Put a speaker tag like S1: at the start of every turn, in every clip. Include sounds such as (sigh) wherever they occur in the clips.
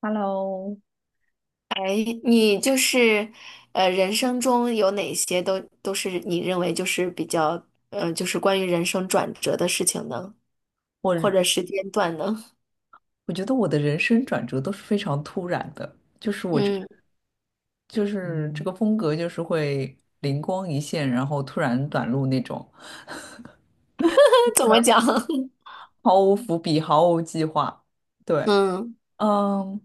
S1: Hello，
S2: 哎，你就是，人生中有哪些都是你认为就是比较，就是关于人生转折的事情呢，或者时间段呢？
S1: 我觉得我的人生转折都是非常突然的，就是我这，
S2: 嗯，
S1: 就是这个风格，就是会灵光一现，然后突然短路那种，
S2: (laughs) 怎么讲？(laughs)
S1: 毫无伏笔，毫无计划。对，
S2: 嗯
S1: 嗯，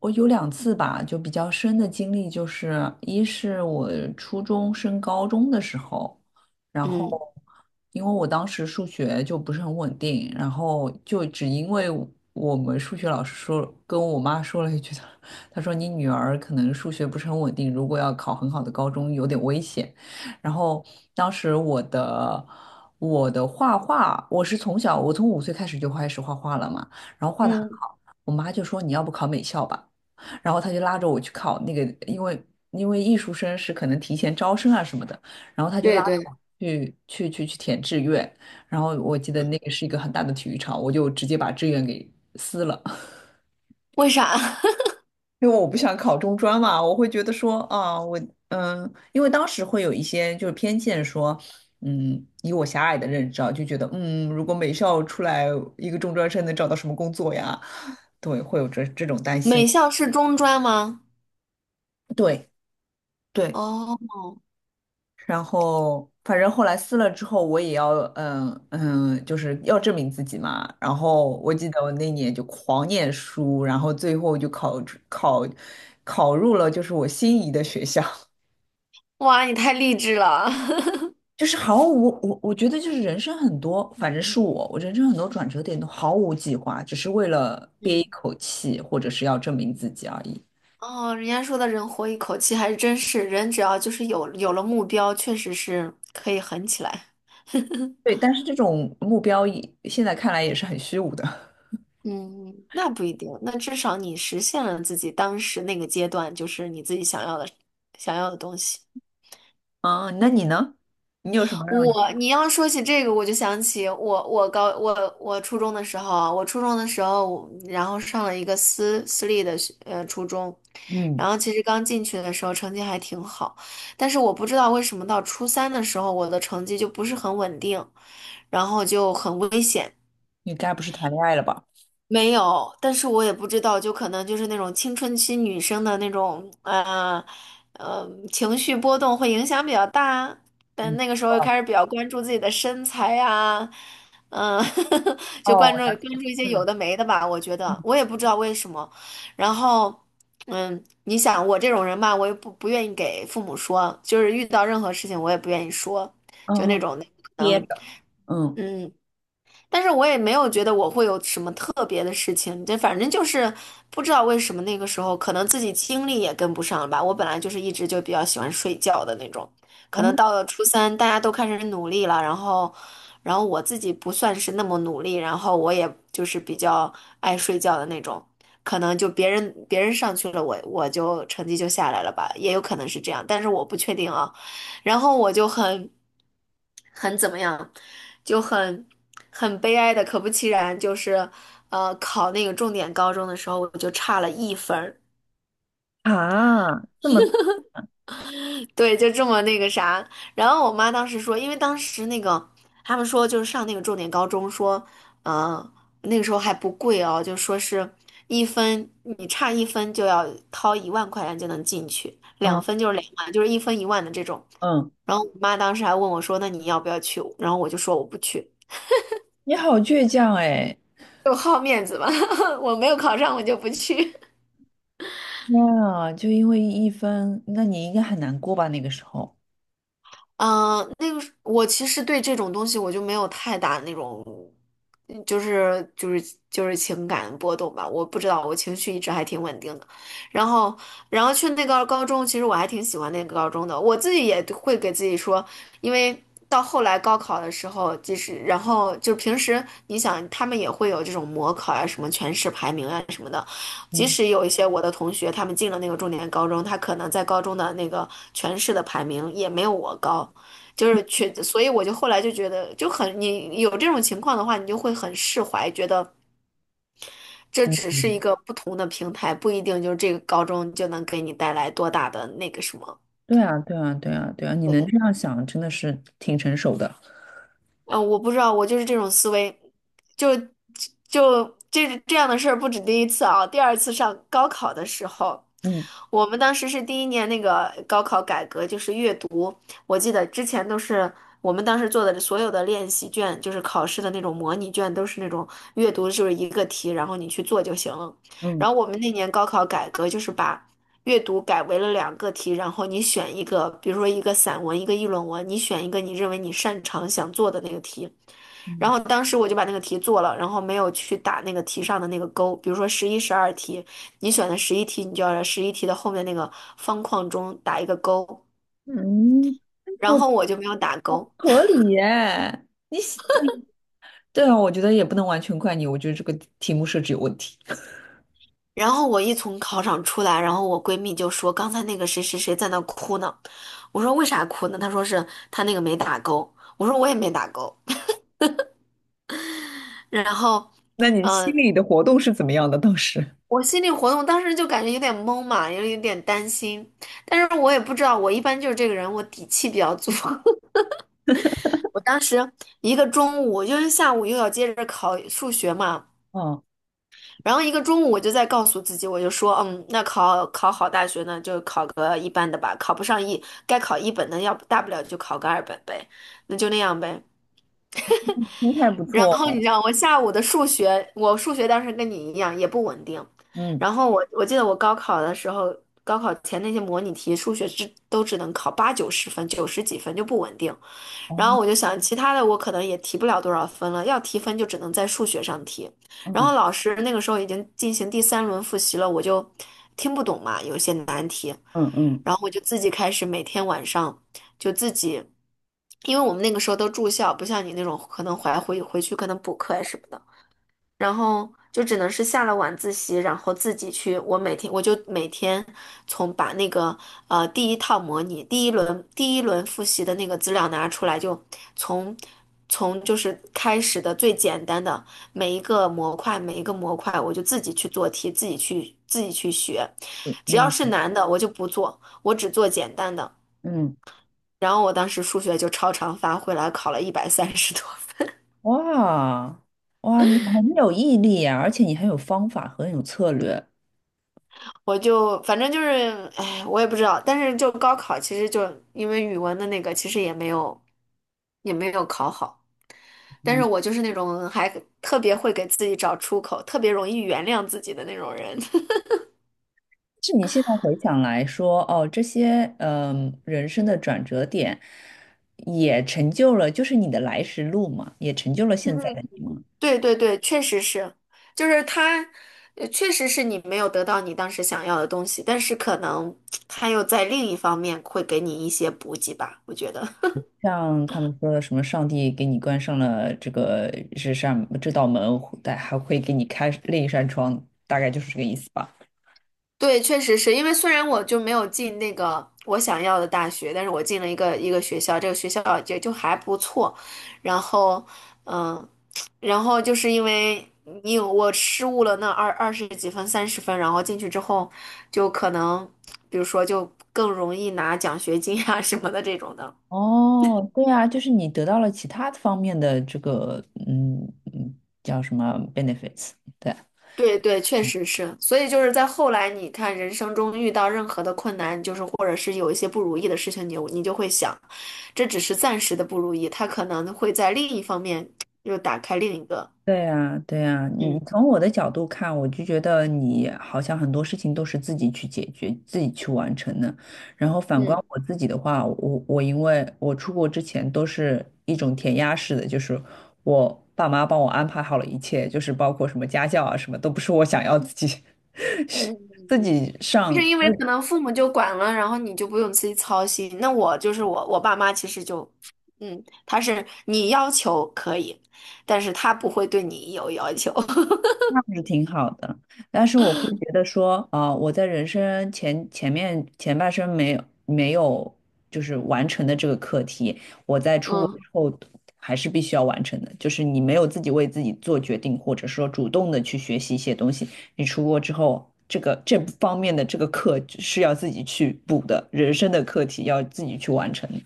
S1: 我有2次吧，就比较深的经历，就是一是我初中升高中的时候，然后
S2: 嗯
S1: 因为我当时数学就不是很稳定，然后就只因为我们数学老师说跟我妈说了一句，(laughs) 她说你女儿可能数学不是很稳定，如果要考很好的高中有点危险。然后当时我的画画，我是从小我从5岁开始就开始画画了嘛。然后画的很
S2: 嗯。
S1: 好。我妈就说你要不考美校吧，然后她就拉着我去考那个，因为艺术生是可能提前招生啊什么的，然后她就拉
S2: 对
S1: 着
S2: 对，
S1: 我去填志愿，然后我记得那个是一个很大的体育场，我就直接把志愿给撕了。
S2: 为啥？
S1: 因为我不想考中专嘛，我会觉得说啊，因为当时会有一些就是偏见说，嗯，以我狭隘的认知啊，就觉得，如果美校出来一个中专生能找到什么工作呀？对，会有这种担
S2: (laughs)
S1: 心。
S2: 美校是中专吗？
S1: 对对，
S2: 哦。
S1: 然后反正后来撕了之后，我也要，就是要证明自己嘛。然后我记得我那年就狂念书，然后最后就考考入了就是我心仪的学校。
S2: 哇，你太励志了。(laughs)
S1: 就是毫无我我觉得就是人生很多，反正是我，我人生很多转折点都毫无计划，只是为了憋一
S2: 嗯。
S1: 口气，或者是要证明自己而已。
S2: 哦，人家说的人活一口气还真是，人只要就是有了目标，确实是可以狠起来。(laughs)
S1: 对，但是这种目标也现在看来也是很虚无的。(laughs)
S2: 嗯，那不一定。那至少你实现了自己当时那个阶段，就是你自己想要的东西。
S1: 啊，那你呢？你有什么让你
S2: 我，你要说起这个，我就想起我。我我初中的时候啊，我初中的时候，我然后上了一个私立的初中，
S1: 嗯，
S2: 然后其实刚进去的时候成绩还挺好，但是我不知道为什么到初三的时候，我的成绩就不是很稳定，然后就很危险。
S1: 你该不是谈恋爱了吧？
S2: 没有，但是我也不知道，就可能就是那种青春期女生的那种，情绪波动会影响比较大。但
S1: 嗯，
S2: 那个时候又开始比较关注自己的身材呀、嗯，(laughs) 就
S1: 哦，
S2: 关
S1: 我
S2: 注
S1: 了
S2: 关
S1: 解
S2: 注一些有
S1: 嗯，
S2: 的没的吧。我觉得我也不知道为什么。然后，嗯，你想我这种人吧，我也不愿意给父母说，就是遇到任何事情我也不愿意说，就那
S1: 哦，
S2: 种的，
S1: 憋着，嗯，
S2: 嗯。但是我也没有觉得我会有什么特别的事情，就反正就是不知道为什么那个时候可能自己精力也跟不上了吧。我本来就是一直就比较喜欢睡觉的那种，可
S1: 哦
S2: 能到了初三大家都开始努力了，然后我自己不算是那么努力，然后我也就是比较爱睡觉的那种，可能就别人上去了，我就成绩就下来了吧，也有可能是这样，但是我不确定啊。然后我就很怎么样，就很悲哀的，可不其然，就是考那个重点高中的时候，我就差了1分儿。
S1: 啊，这么，
S2: 对，就这么那个啥。然后我妈当时说，因为当时那个他们说就是上那个重点高中说，嗯，那个时候还不贵哦，就说是你差一分就要掏10000块钱就能进去，
S1: 嗯
S2: 2分就是20000，就是1分1万的这种。
S1: 嗯，
S2: 然后我妈当时还问我说："那你要不要去？"然后我就说我不去。
S1: 你好倔强哎，
S2: 就好面子吧，(laughs) 我没有考上，我就不去。
S1: 天啊，就因为1分，那你应该很难过吧？那个时候。
S2: 嗯，那个是我其实对这种东西我就没有太大那种，嗯就是情感波动吧。我不知道，我情绪一直还挺稳定的。然后，去那个高中，其实我还挺喜欢那个高中的。我自己也会给自己说，因为到后来高考的时候，即使然后就是平时你想，他们也会有这种模考啊，什么全市排名啊什么的。即使有一些我的同学，他们进了那个重点高中，他可能在高中的那个全市的排名也没有我高，就是全，所以我就后来就觉得就很，你有这种情况的话，你就会很释怀，觉得这
S1: 嗯。
S2: 只是一个不同的平台，不一定就是这个高中就能给你带来多大的那个什么。
S1: 对啊，对啊，对啊，对啊，你能
S2: 对。
S1: 这样想，真的是挺成熟的。
S2: 嗯，我不知道，我就是这种思维，就就这样的事儿不止第一次啊。第二次上高考的时候，
S1: 嗯
S2: 我们当时是第一年那个高考改革，就是阅读，我记得之前都是我们当时做的所有的练习卷，就是考试的那种模拟卷，都是那种阅读就是一个题，然后你去做就行了。
S1: 嗯
S2: 然后我们那年高考改革就是把。阅读改为了两个题，然后你选一个，比如说一个散文，一个议论文，你选一个你认为你擅长想做的那个题。然
S1: 嗯
S2: 后当时我就把那个题做了，然后没有去打那个题上的那个勾。比如说11、12题，你选的十一题，你就要在十一题的后面那个方框中打一个勾。
S1: 嗯，哎好
S2: 然后我就没有打
S1: 好不
S2: 勾。
S1: 合理耶！你写 (laughs) 对啊，我觉得也不能完全怪你，我觉得这个题目设置有问题。(laughs)
S2: 然后我一从考场出来，然后我闺蜜就说："刚才那个谁谁谁在那哭呢。"我说："为啥哭呢？"她说："是她那个没打勾。"我说："我也没打勾。"然后，
S1: 那你心
S2: 呃，
S1: 里的活动是怎么样的？当时？
S2: 我心理活动当时就感觉有点懵嘛，有点担心，但是我也不知道，我一般就是这个人，我底气比较足。(laughs) 我当时一个中午，因为下午又要接着考数学嘛，
S1: 哦，
S2: 然后一个中午我就在告诉自己，我就说，嗯，那考好大学呢，就考个一般的吧，考不上一，该考一本的，要不大不了就考个二本呗，那就那样呗。
S1: 心态不
S2: 然
S1: 错
S2: 后你
S1: 哦。
S2: 知道，我下午的数学，我数学当时跟你一样也不稳定。
S1: 嗯，
S2: 然后我记得我高考的时候，高考前那些模拟题，数学只能考八九十分，90几分就不稳定。然后
S1: 哦，
S2: 我就想，其他的我可能也提不了多少分了，要提分就只能在数学上提。然后
S1: 嗯
S2: 老师那个时候已经进行第三轮复习了，我就听不懂嘛，有一些难题，
S1: 嗯嗯
S2: 然后我就自己开始每天晚上就自己，因为我们那个时候都住校，不像你那种可能回去可能补课呀什么的。然后就只能是下了晚自习，然后自己去。我每天我就每天把那个第一套模拟、第一轮复习的那个资料拿出来，就从从就是开始的最简单的每一个模块，每一个模块我就自己去做题，自己去学。只要是
S1: 嗯
S2: 难的我就不做，我只做简单的。
S1: 嗯，
S2: 然后我当时数学就超常发挥来考了130多。
S1: 哇哇，你很有毅力呀，而且你很有方法和很有策略。
S2: 我就反正就是，哎，我也不知道。但是就高考，其实就因为语文的那个，其实也没有考好。但是
S1: 嗯。
S2: 我就是那种还特别会给自己找出口，特别容易原谅自己的那种人。(laughs)
S1: 是你现在回想来说，哦，这些人生的转折点，也成就了就是你的来时路嘛，也成就了现在的你嘛。
S2: 对对对，确实是，就是他，确实是你没有得到你当时想要的东西，但是可能他又在另一方面会给你一些补给吧，我觉得。
S1: 像他们说的什么，上帝给你关上了这道门，但还会给你开另一扇窗，大概就是这个意思吧。
S2: 对，确实是因为虽然我就没有进那个我想要的大学，但是我进了一个学校，这个学校也就还不错。然后，嗯，然后就是因为你有我失误了那二十几分、30分，然后进去之后就可能，比如说就更容易拿奖学金啊什么的这种的。
S1: 哦，对啊，就是你得到了其他方面的这个嗯叫什么 benefits，对。
S2: 对对，确实是。所以就是在后来，你看人生中遇到任何的困难，就是或者是有一些不如意的事情，你就会想，这只是暂时的不如意，他可能会在另一方面又打开另一个。
S1: 对呀，对呀，你
S2: 嗯
S1: 从我的角度看，我就觉得你好像很多事情都是自己去解决、自己去完成的。然后反观
S2: 嗯
S1: 我自己的话，我因为我出国之前都是一种填鸭式的，就是我爸妈帮我安排好了一切，就是包括什么家教啊，什么都不是我想要自己
S2: 嗯，
S1: (laughs) 自己
S2: 就是
S1: 上。
S2: 因为可能父母就管了，然后你就不用自己操心。那我就是我爸妈其实就，嗯，他是你要求可以，但是他不会对你有要求。(laughs)
S1: 是挺好的，但是我会觉得说，啊，我在人生前半生没有就是完成的这个课题，我在出国
S2: 嗯
S1: 之后还是必须要完成的。就是你没有自己为自己做决定，或者说主动的去学习一些东西，你出国之后，这个这方面的这个课是要自己去补的，人生的课题要自己去完成的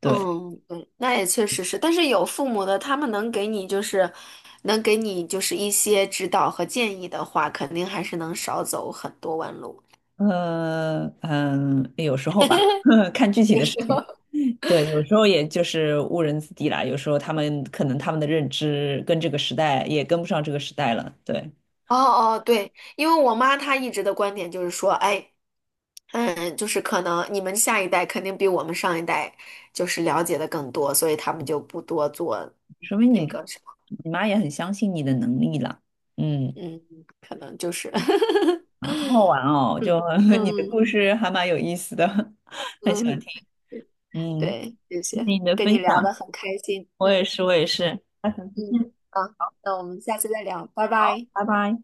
S1: 对，
S2: 嗯，嗯，那也确实是，但是有父母的，他们能给你就是，能给你就是一些指导和建议的话，肯定还是能少走很多弯路。
S1: 嗯嗯，有时候吧，(laughs) 看具体
S2: 那个
S1: 的事
S2: 时候，
S1: 情。
S2: (laughs)
S1: 对，有时候也就是误人子弟啦。有时候他们可能他们的认知跟这个时代也跟不上这个时代了。对，
S2: 哦哦，对，因为我妈她一直的观点就是说，哎，嗯，就是可能你们下一代肯定比我们上一代就是了解的更多，所以他们就不多做
S1: 说明你
S2: 那个什么，
S1: 你妈也很相信你的能力啦。嗯，
S2: 嗯，可能就是，
S1: 啊，好好玩哦，
S2: (laughs)
S1: 就
S2: 嗯，
S1: (laughs) 你的
S2: 嗯
S1: 故事还蛮有意思的，(laughs) 很喜欢
S2: 嗯，
S1: 听。嗯，
S2: 对，谢
S1: 谢谢
S2: 谢，
S1: 你的
S2: 跟
S1: 分
S2: 你聊
S1: 享，
S2: 得很开心，
S1: 我也
S2: 嗯。
S1: 是，我也是。
S2: 嗯，好，那我们下次再聊，拜拜。
S1: 拜拜。